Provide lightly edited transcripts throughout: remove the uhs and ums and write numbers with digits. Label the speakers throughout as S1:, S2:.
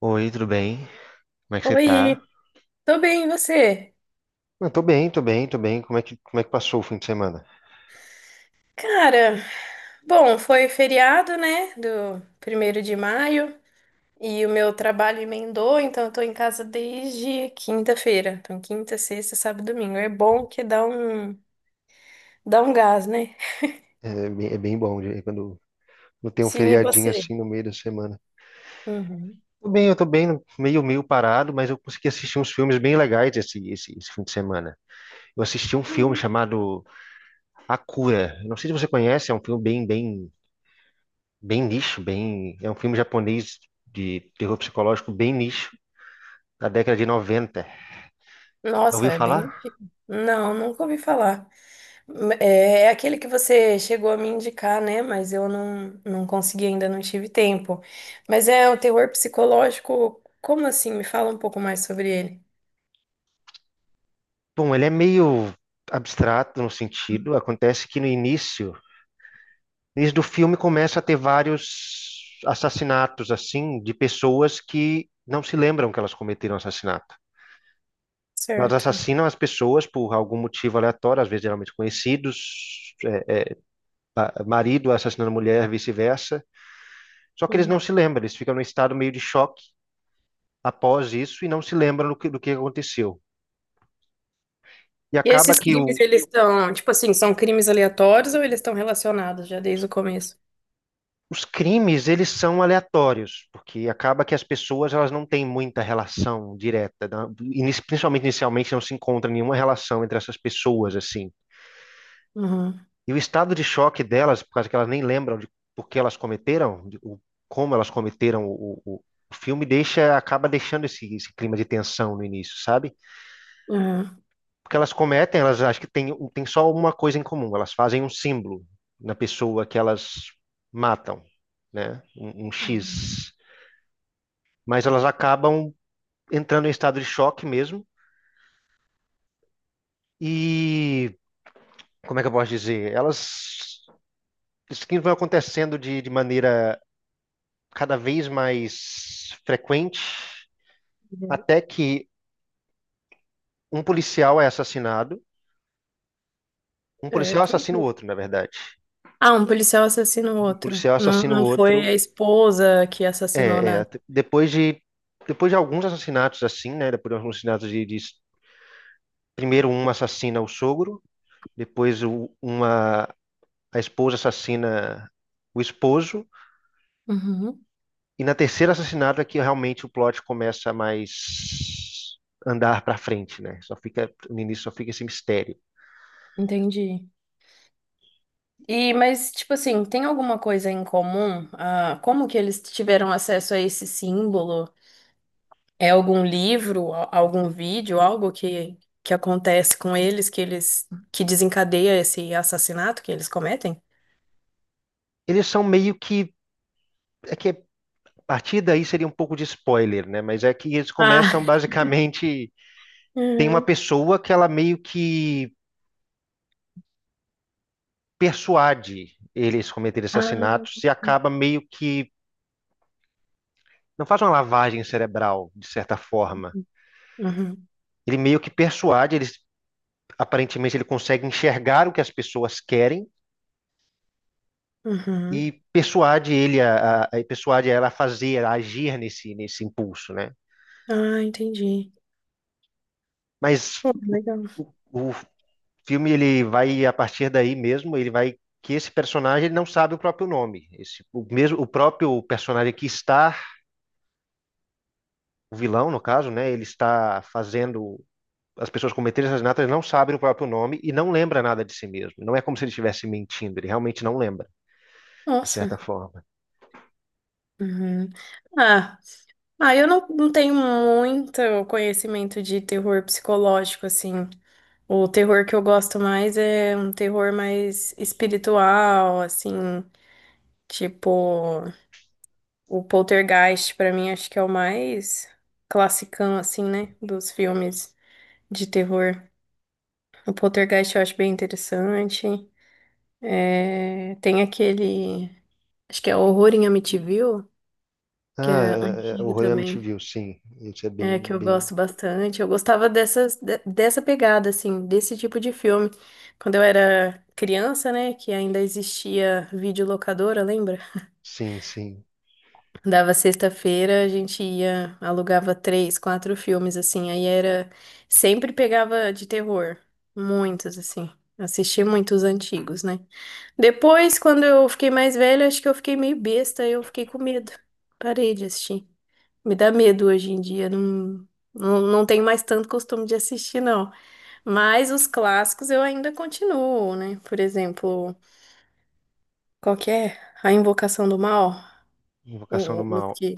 S1: Oi, tudo bem? Como é que você tá?
S2: Oi, tô bem, e você?
S1: Eu tô bem, tô bem, tô bem. Como é que passou o fim de semana?
S2: Cara, bom, foi feriado, né, do 1º de maio, e o meu trabalho emendou, então eu tô em casa desde quinta-feira. Então, quinta, sexta, sábado, domingo. É bom que dá um gás, né?
S1: É bem bom quando tem um
S2: Sim, e
S1: feriadinho
S2: você?
S1: assim no meio da semana.
S2: Uhum.
S1: Tô bem, eu tô bem, meio parado, mas eu consegui assistir uns filmes bem legais esse fim de semana. Eu assisti um filme chamado A Cura. Eu não sei se você conhece, é um filme bem nicho, é um filme japonês de terror psicológico bem nicho, da década de 90. Já
S2: Nossa,
S1: ouviu
S2: é bem
S1: falar?
S2: antigo. Não, nunca ouvi falar. É aquele que você chegou a me indicar, né? Mas eu não consegui ainda, não tive tempo. Mas é o terror psicológico. Como assim? Me fala um pouco mais sobre ele.
S1: Bom, ele é meio abstrato no sentido. Acontece que no início do filme começa a ter vários assassinatos assim de pessoas que não se lembram que elas cometeram assassinato. Elas
S2: Certo.
S1: assassinam as pessoas por algum motivo aleatório, às vezes geralmente conhecidos, é, marido assassinando mulher, vice-versa. Só que eles
S2: Uhum.
S1: não se lembram, eles ficam num estado meio de choque após isso e não se lembram do que aconteceu. E
S2: E
S1: acaba
S2: esses crimes, eles estão, tipo assim, são crimes aleatórios ou eles estão relacionados já desde o começo?
S1: os crimes, eles são aleatórios, porque acaba que as pessoas elas não têm muita relação direta, né? Principalmente inicialmente não se encontra nenhuma relação entre essas pessoas assim.
S2: Uhum.
S1: E o estado de choque delas, por causa que elas nem lembram de por que elas cometeram, como elas cometeram o filme deixa, acaba deixando esse clima de tensão no início, sabe?
S2: Uhum.
S1: Porque elas cometem, elas acham que tem só uma coisa em comum, elas fazem um símbolo na pessoa que elas matam, né? Um X. Mas elas acabam entrando em estado de choque mesmo. E como é que eu posso dizer? Elas. Isso que vai acontecendo de maneira cada vez mais frequente,
S2: Uhum.
S1: até que um policial é assassinado. Um policial
S2: Certo.
S1: assassina o outro, na verdade.
S2: Ah, um policial assassina o
S1: Um
S2: outro.
S1: policial
S2: Não,
S1: assassina o
S2: não foi
S1: outro.
S2: a esposa que assassinou
S1: É, é,
S2: nada.
S1: depois de, depois de alguns assassinatos assim, né? Depois de alguns assassinatos de primeiro uma assassina o sogro, depois o- uma a esposa assassina o esposo.
S2: Uhum.
S1: E na terceira assassinato é que realmente o plot começa a mais andar para frente, né? Só fica, no início só fica esse mistério.
S2: Entendi. E, mas, tipo assim, tem alguma coisa em comum? Ah, como que eles tiveram acesso a esse símbolo? É algum livro, algum vídeo, algo que acontece com eles, que desencadeia esse assassinato que eles cometem?
S1: Eles são meio que, é que a partir daí seria um pouco de spoiler, né? Mas é que eles
S2: Ah,
S1: começam basicamente, tem uma
S2: uhum.
S1: pessoa que ela meio que persuade eles cometerem
S2: Ah,
S1: assassinatos e acaba meio que, não faz uma lavagem cerebral, de certa forma.
S2: uhum,
S1: Ele meio que persuade, eles aparentemente ele consegue enxergar o que as pessoas querem
S2: uhum.
S1: e persuade ele a persuade ela a fazer, a agir nesse impulso, né?
S2: Ah, entendi.
S1: Mas
S2: Pô, legal.
S1: o, o filme ele vai a partir daí mesmo, ele vai que esse personagem ele não sabe o próprio nome. Esse, o mesmo o próprio personagem que está o vilão no caso, né? Ele está fazendo as pessoas cometerem assassinato, ele não sabe o próprio nome e não lembra nada de si mesmo. Não é como se ele estivesse mentindo, ele realmente não lembra, de certa
S2: Nossa.
S1: forma.
S2: Uhum. Ah, ah, eu não tenho muito conhecimento de terror psicológico, assim. O terror que eu gosto mais é um terror mais espiritual, assim, tipo o Poltergeist, pra mim acho que é o mais classicão, assim, né, dos filmes de terror. O Poltergeist eu acho bem interessante. É, tem aquele, acho que é Horror em Amityville, que
S1: Ah,
S2: é
S1: o
S2: antigo
S1: Horror em
S2: também.
S1: Amityville, sim. Isso é
S2: É,
S1: bem,
S2: que eu
S1: bem.
S2: gosto bastante. Eu gostava dessas, dessa pegada, assim, desse tipo de filme. Quando eu era criança, né, que ainda existia videolocadora, lembra?
S1: Sim, sim.
S2: Dava sexta-feira, a gente ia, alugava três, quatro filmes, assim. Aí era. Sempre pegava de terror. Muitos, assim. Assisti muitos antigos, né? Depois, quando eu fiquei mais velha, acho que eu fiquei meio besta, eu fiquei com medo. Parei de assistir. Me dá medo hoje em dia, não tenho mais tanto costume de assistir, não. Mas os clássicos eu ainda continuo, né? Por exemplo, qual que é? A Invocação do Mal,
S1: Invocação do
S2: o
S1: Mal.
S2: que?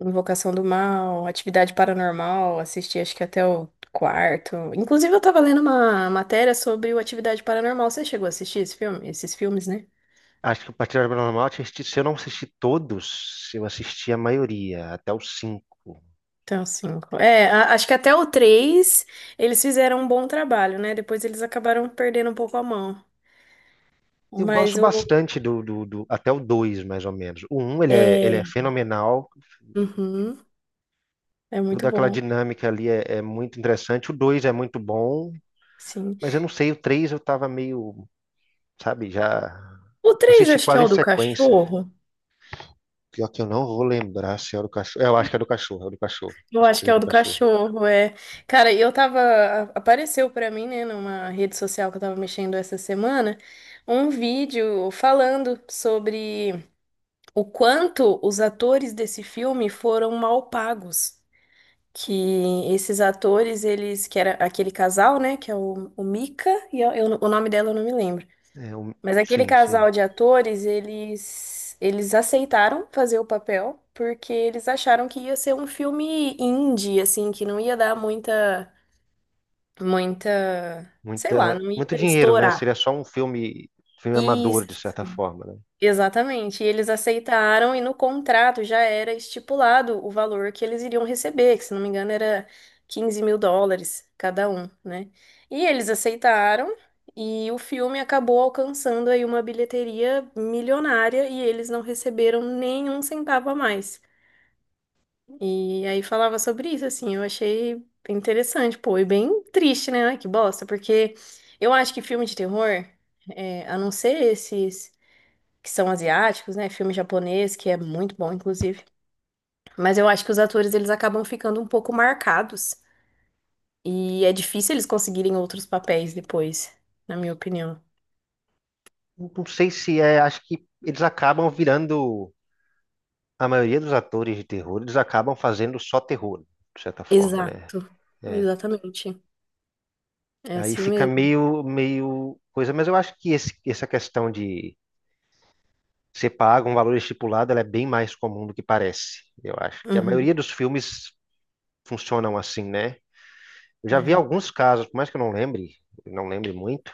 S2: Invocação do Mal, Atividade Paranormal, assisti acho que até o quarto. Inclusive eu tava lendo uma matéria sobre o Atividade Paranormal, você chegou a assistir esse filme? Esses filmes, né?
S1: Acho que o Patrulha Paranormal, se eu não assisti todos, eu assisti a maioria, até os cinco.
S2: Então, cinco. É, acho que até o três eles fizeram um bom trabalho, né? Depois eles acabaram perdendo um pouco a mão.
S1: Eu gosto
S2: Mas o.
S1: bastante até o dois, mais ou menos. O um, ele é
S2: É,
S1: fenomenal.
S2: uhum, é muito
S1: Toda aquela
S2: bom,
S1: dinâmica ali é muito interessante. O dois é muito bom,
S2: sim.
S1: mas eu não sei, o três eu tava meio, sabe, já.
S2: O
S1: Eu
S2: três
S1: Assisti
S2: acho que é
S1: quase em
S2: o do
S1: sequência.
S2: cachorro.
S1: Pior que eu não vou lembrar se é o do cachorro. É, eu acho que é do cachorro, é o do cachorro.
S2: Eu
S1: Acho que o
S2: acho que
S1: três
S2: é
S1: é
S2: o
S1: do
S2: do
S1: cachorro.
S2: cachorro, é. Cara, eu tava. Apareceu pra mim, né, numa rede social que eu tava mexendo essa semana, um vídeo falando sobre o quanto os atores desse filme foram mal pagos. Que esses atores, eles, que era aquele casal, né, que é o Mika, e o nome dela eu não me lembro.
S1: É, um-
S2: Mas aquele
S1: Sim, sim.
S2: casal de atores, eles aceitaram fazer o papel porque eles acharam que ia ser um filme indie, assim, que não ia dar muita, muita, sei lá, não ia
S1: Muito dinheiro, né?
S2: estourar.
S1: Seria só um filme
S2: E
S1: amador, de certa forma, né?
S2: Exatamente, e eles aceitaram e no contrato já era estipulado o valor que eles iriam receber, que se não me engano era US$ 15 mil cada um, né? E eles aceitaram e o filme acabou alcançando aí uma bilheteria milionária e eles não receberam nenhum centavo a mais. E aí falava sobre isso, assim, eu achei interessante, pô, e bem triste, né? Ai, que bosta, porque eu acho que filme de terror, é, a não ser esses que são asiáticos, né? Filme japonês, que é muito bom, inclusive. Mas eu acho que os atores, eles acabam ficando um pouco marcados. E é difícil eles conseguirem outros papéis depois, na minha opinião.
S1: Não, não sei se é. Acho que eles acabam virando. A maioria dos atores de terror, eles acabam fazendo só terror, de certa forma, né?
S2: Exato.
S1: É.
S2: Exatamente. É
S1: Aí
S2: assim
S1: fica
S2: mesmo.
S1: meio coisa. Mas eu acho que essa questão de ser pago um valor estipulado, ela é bem mais comum do que parece. Eu acho que a maioria
S2: Uhum.
S1: dos filmes funcionam assim, né? Eu já vi
S2: É.
S1: alguns casos, por mais que eu não lembre, não lembre muito,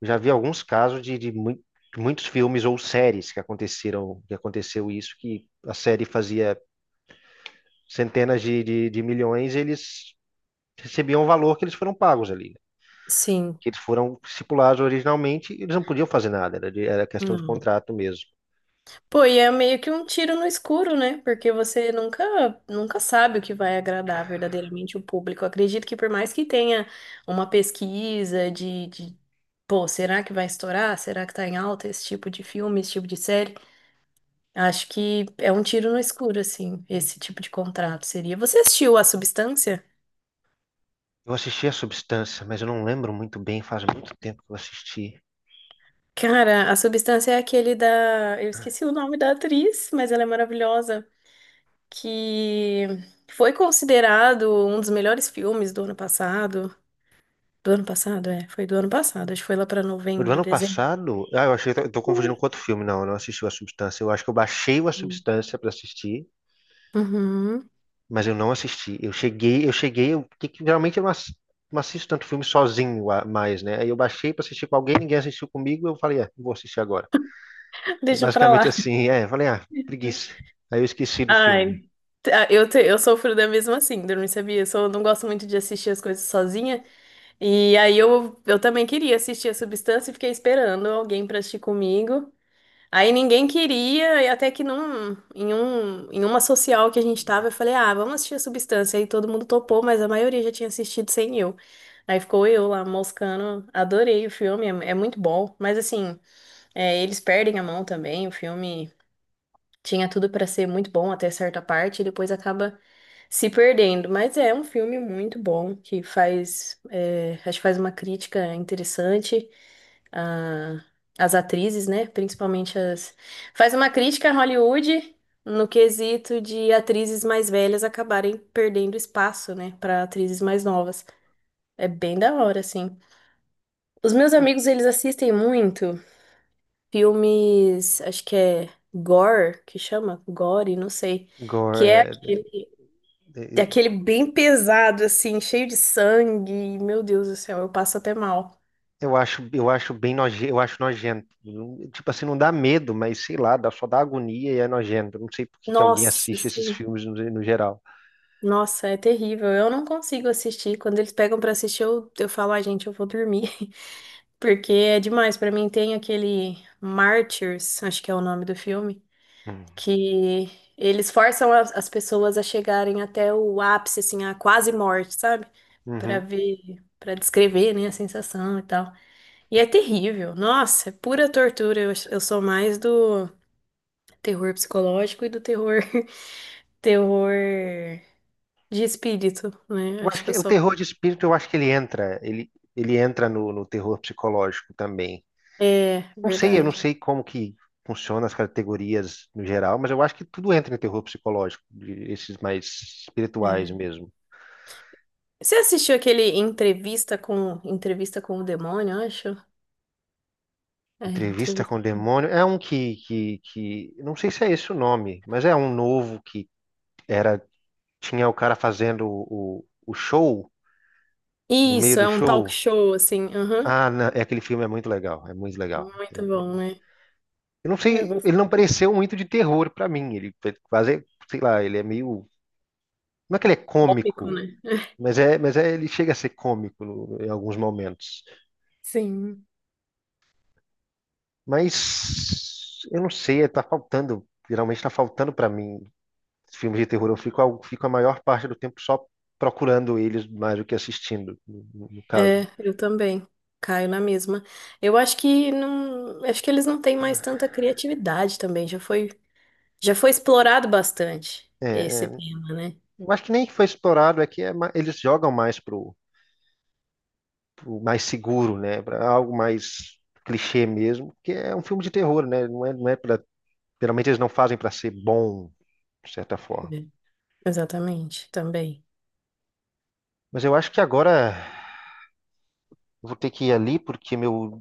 S1: eu já vi alguns casos de muitos filmes ou que aconteceu isso, que a série fazia centenas de milhões, e eles recebiam o valor que eles foram pagos ali, né?
S2: Sim.
S1: Que eles foram estipulados originalmente, e eles não podiam fazer nada, era questão de
S2: Não.
S1: contrato mesmo.
S2: Pô, e é meio que um tiro no escuro, né? Porque você nunca, nunca sabe o que vai agradar verdadeiramente o público. Eu acredito que por mais que tenha uma pesquisa de, pô, será que vai estourar? Será que tá em alta esse tipo de filme, esse tipo de série? Acho que é um tiro no escuro, assim, esse tipo de contrato seria. Você assistiu A Substância?
S1: Eu assisti A Substância, mas eu não lembro muito bem, faz muito tempo que eu assisti.
S2: Cara, A Substância é aquele da. Eu esqueci o nome da atriz, mas ela é maravilhosa. Que foi considerado um dos melhores filmes do ano passado. Do ano passado, é, foi do ano passado, acho que foi lá pra
S1: O do
S2: novembro,
S1: ano
S2: dezembro.
S1: passado? Ah, eu achei que eu tô
S2: Foi.
S1: confundindo com outro filme. Não, eu não assisti o A Substância. Eu acho que eu baixei o A Substância pra assistir,
S2: Uhum.
S1: mas eu não assisti. Que geralmente eu não assisto tanto filme sozinho mais, né? Aí eu baixei pra assistir com alguém, ninguém assistiu comigo, eu falei, vou assistir agora. É
S2: Deixa pra
S1: basicamente
S2: lá.
S1: assim, eu falei, ah, preguiça. Aí eu esqueci do filme.
S2: Ai, ah, eu sofro da mesma síndrome, sabia? Não gosto muito de assistir as coisas sozinha. E aí eu também queria assistir a Substância e fiquei esperando alguém pra assistir comigo. Aí ninguém queria, e até que em uma social que a gente tava, eu falei, ah, vamos assistir a Substância. Aí todo mundo topou, mas a maioria já tinha assistido sem eu. Aí ficou eu lá moscando, adorei o filme, é muito bom. Mas assim, é, eles perdem a mão também, o filme tinha tudo pra ser muito bom até certa parte, e depois acaba se perdendo. Mas é um filme muito bom, que acho que faz uma crítica interessante a- as atrizes, né? Principalmente as. Faz uma crítica a Hollywood no quesito de atrizes mais velhas acabarem perdendo espaço, né, para atrizes mais novas. É bem da hora, assim. Os meus amigos, eles assistem muito filmes, acho que é gore, que chama? Gore, não sei.
S1: Gore,
S2: Que é
S1: é,
S2: aquele,
S1: é,
S2: é
S1: é,
S2: aquele bem pesado, assim, cheio de sangue. Meu Deus do céu, eu passo até mal.
S1: Eu acho bem noje, eu acho nojento. Tipo assim, não dá medo, mas sei lá, só dá agonia e é nojento. Eu não sei por que que alguém
S2: Nossa,
S1: assiste esses
S2: sim.
S1: filmes no geral.
S2: Nossa, é terrível. Eu não consigo assistir. Quando eles pegam pra assistir, eu falo, ai, gente, eu vou dormir. Porque é demais. Pra mim, tem aquele Martyrs, acho que é o nome do filme,
S1: Hum.
S2: que eles forçam as pessoas a chegarem até o ápice, assim, a quase morte, sabe? Pra
S1: Uhum.
S2: ver, pra descrever, né, a sensação e tal. E é terrível. Nossa, é pura tortura. Eu sou mais do terror psicológico e do terror, terror de espírito, né?
S1: Eu
S2: Acho
S1: acho
S2: que
S1: que
S2: eu
S1: o
S2: sou.
S1: terror de espírito, eu acho que ele entra no terror psicológico também.
S2: É,
S1: Não sei, eu não
S2: verdade.
S1: sei como que funciona as categorias no geral, mas eu acho que tudo entra em terror psicológico, esses mais espirituais
S2: É.
S1: mesmo.
S2: Você assistiu aquele entrevista com o demônio, eu acho? É,
S1: Entrevista com
S2: entrevista.
S1: o Demônio é um que não sei se é esse o nome, mas é um novo que era tinha o cara fazendo o show, no meio
S2: Isso,
S1: do
S2: é um talk
S1: show.
S2: show assim. Aham.
S1: Ah, aquele filme é muito legal, é muito legal. É-
S2: Muito bom,
S1: é-
S2: né?
S1: eu não
S2: É
S1: sei,
S2: bom-
S1: ele não pareceu muito de terror pra mim. Ele é quase, sei lá, ele é meio. Não é que ele é
S2: Cômico,
S1: cômico,
S2: né?
S1: mas ele chega a ser cômico no- em alguns momentos.
S2: Sim.
S1: Mas eu não sei, tá faltando, geralmente tá faltando pra mim filmes de terror. Eu fico a maior parte do tempo só procurando eles mais do que assistindo, no
S2: É,
S1: caso.
S2: eu também. Caio na mesma. Eu acho que não, acho que eles não têm mais tanta criatividade também. Já foi explorado bastante
S1: É,
S2: esse
S1: é,
S2: tema, né?
S1: Eu acho que nem foi explorado, eles jogam mais pro mais seguro, né? Para algo mais clichê mesmo, porque é um filme de terror, né? Não é, não é para, geralmente eles não fazem para ser bom, de certa forma.
S2: É. Exatamente, também.
S1: Mas eu acho que agora eu vou ter que ir ali porque meu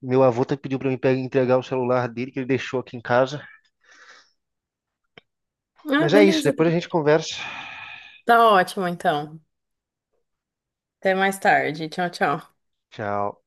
S1: meu avô pediu para entregar o celular dele que ele deixou aqui em casa.
S2: Ah,
S1: Mas é isso,
S2: beleza.
S1: depois a gente conversa.
S2: Tá ótimo, então. Até mais tarde. Tchau, tchau.
S1: Tchau.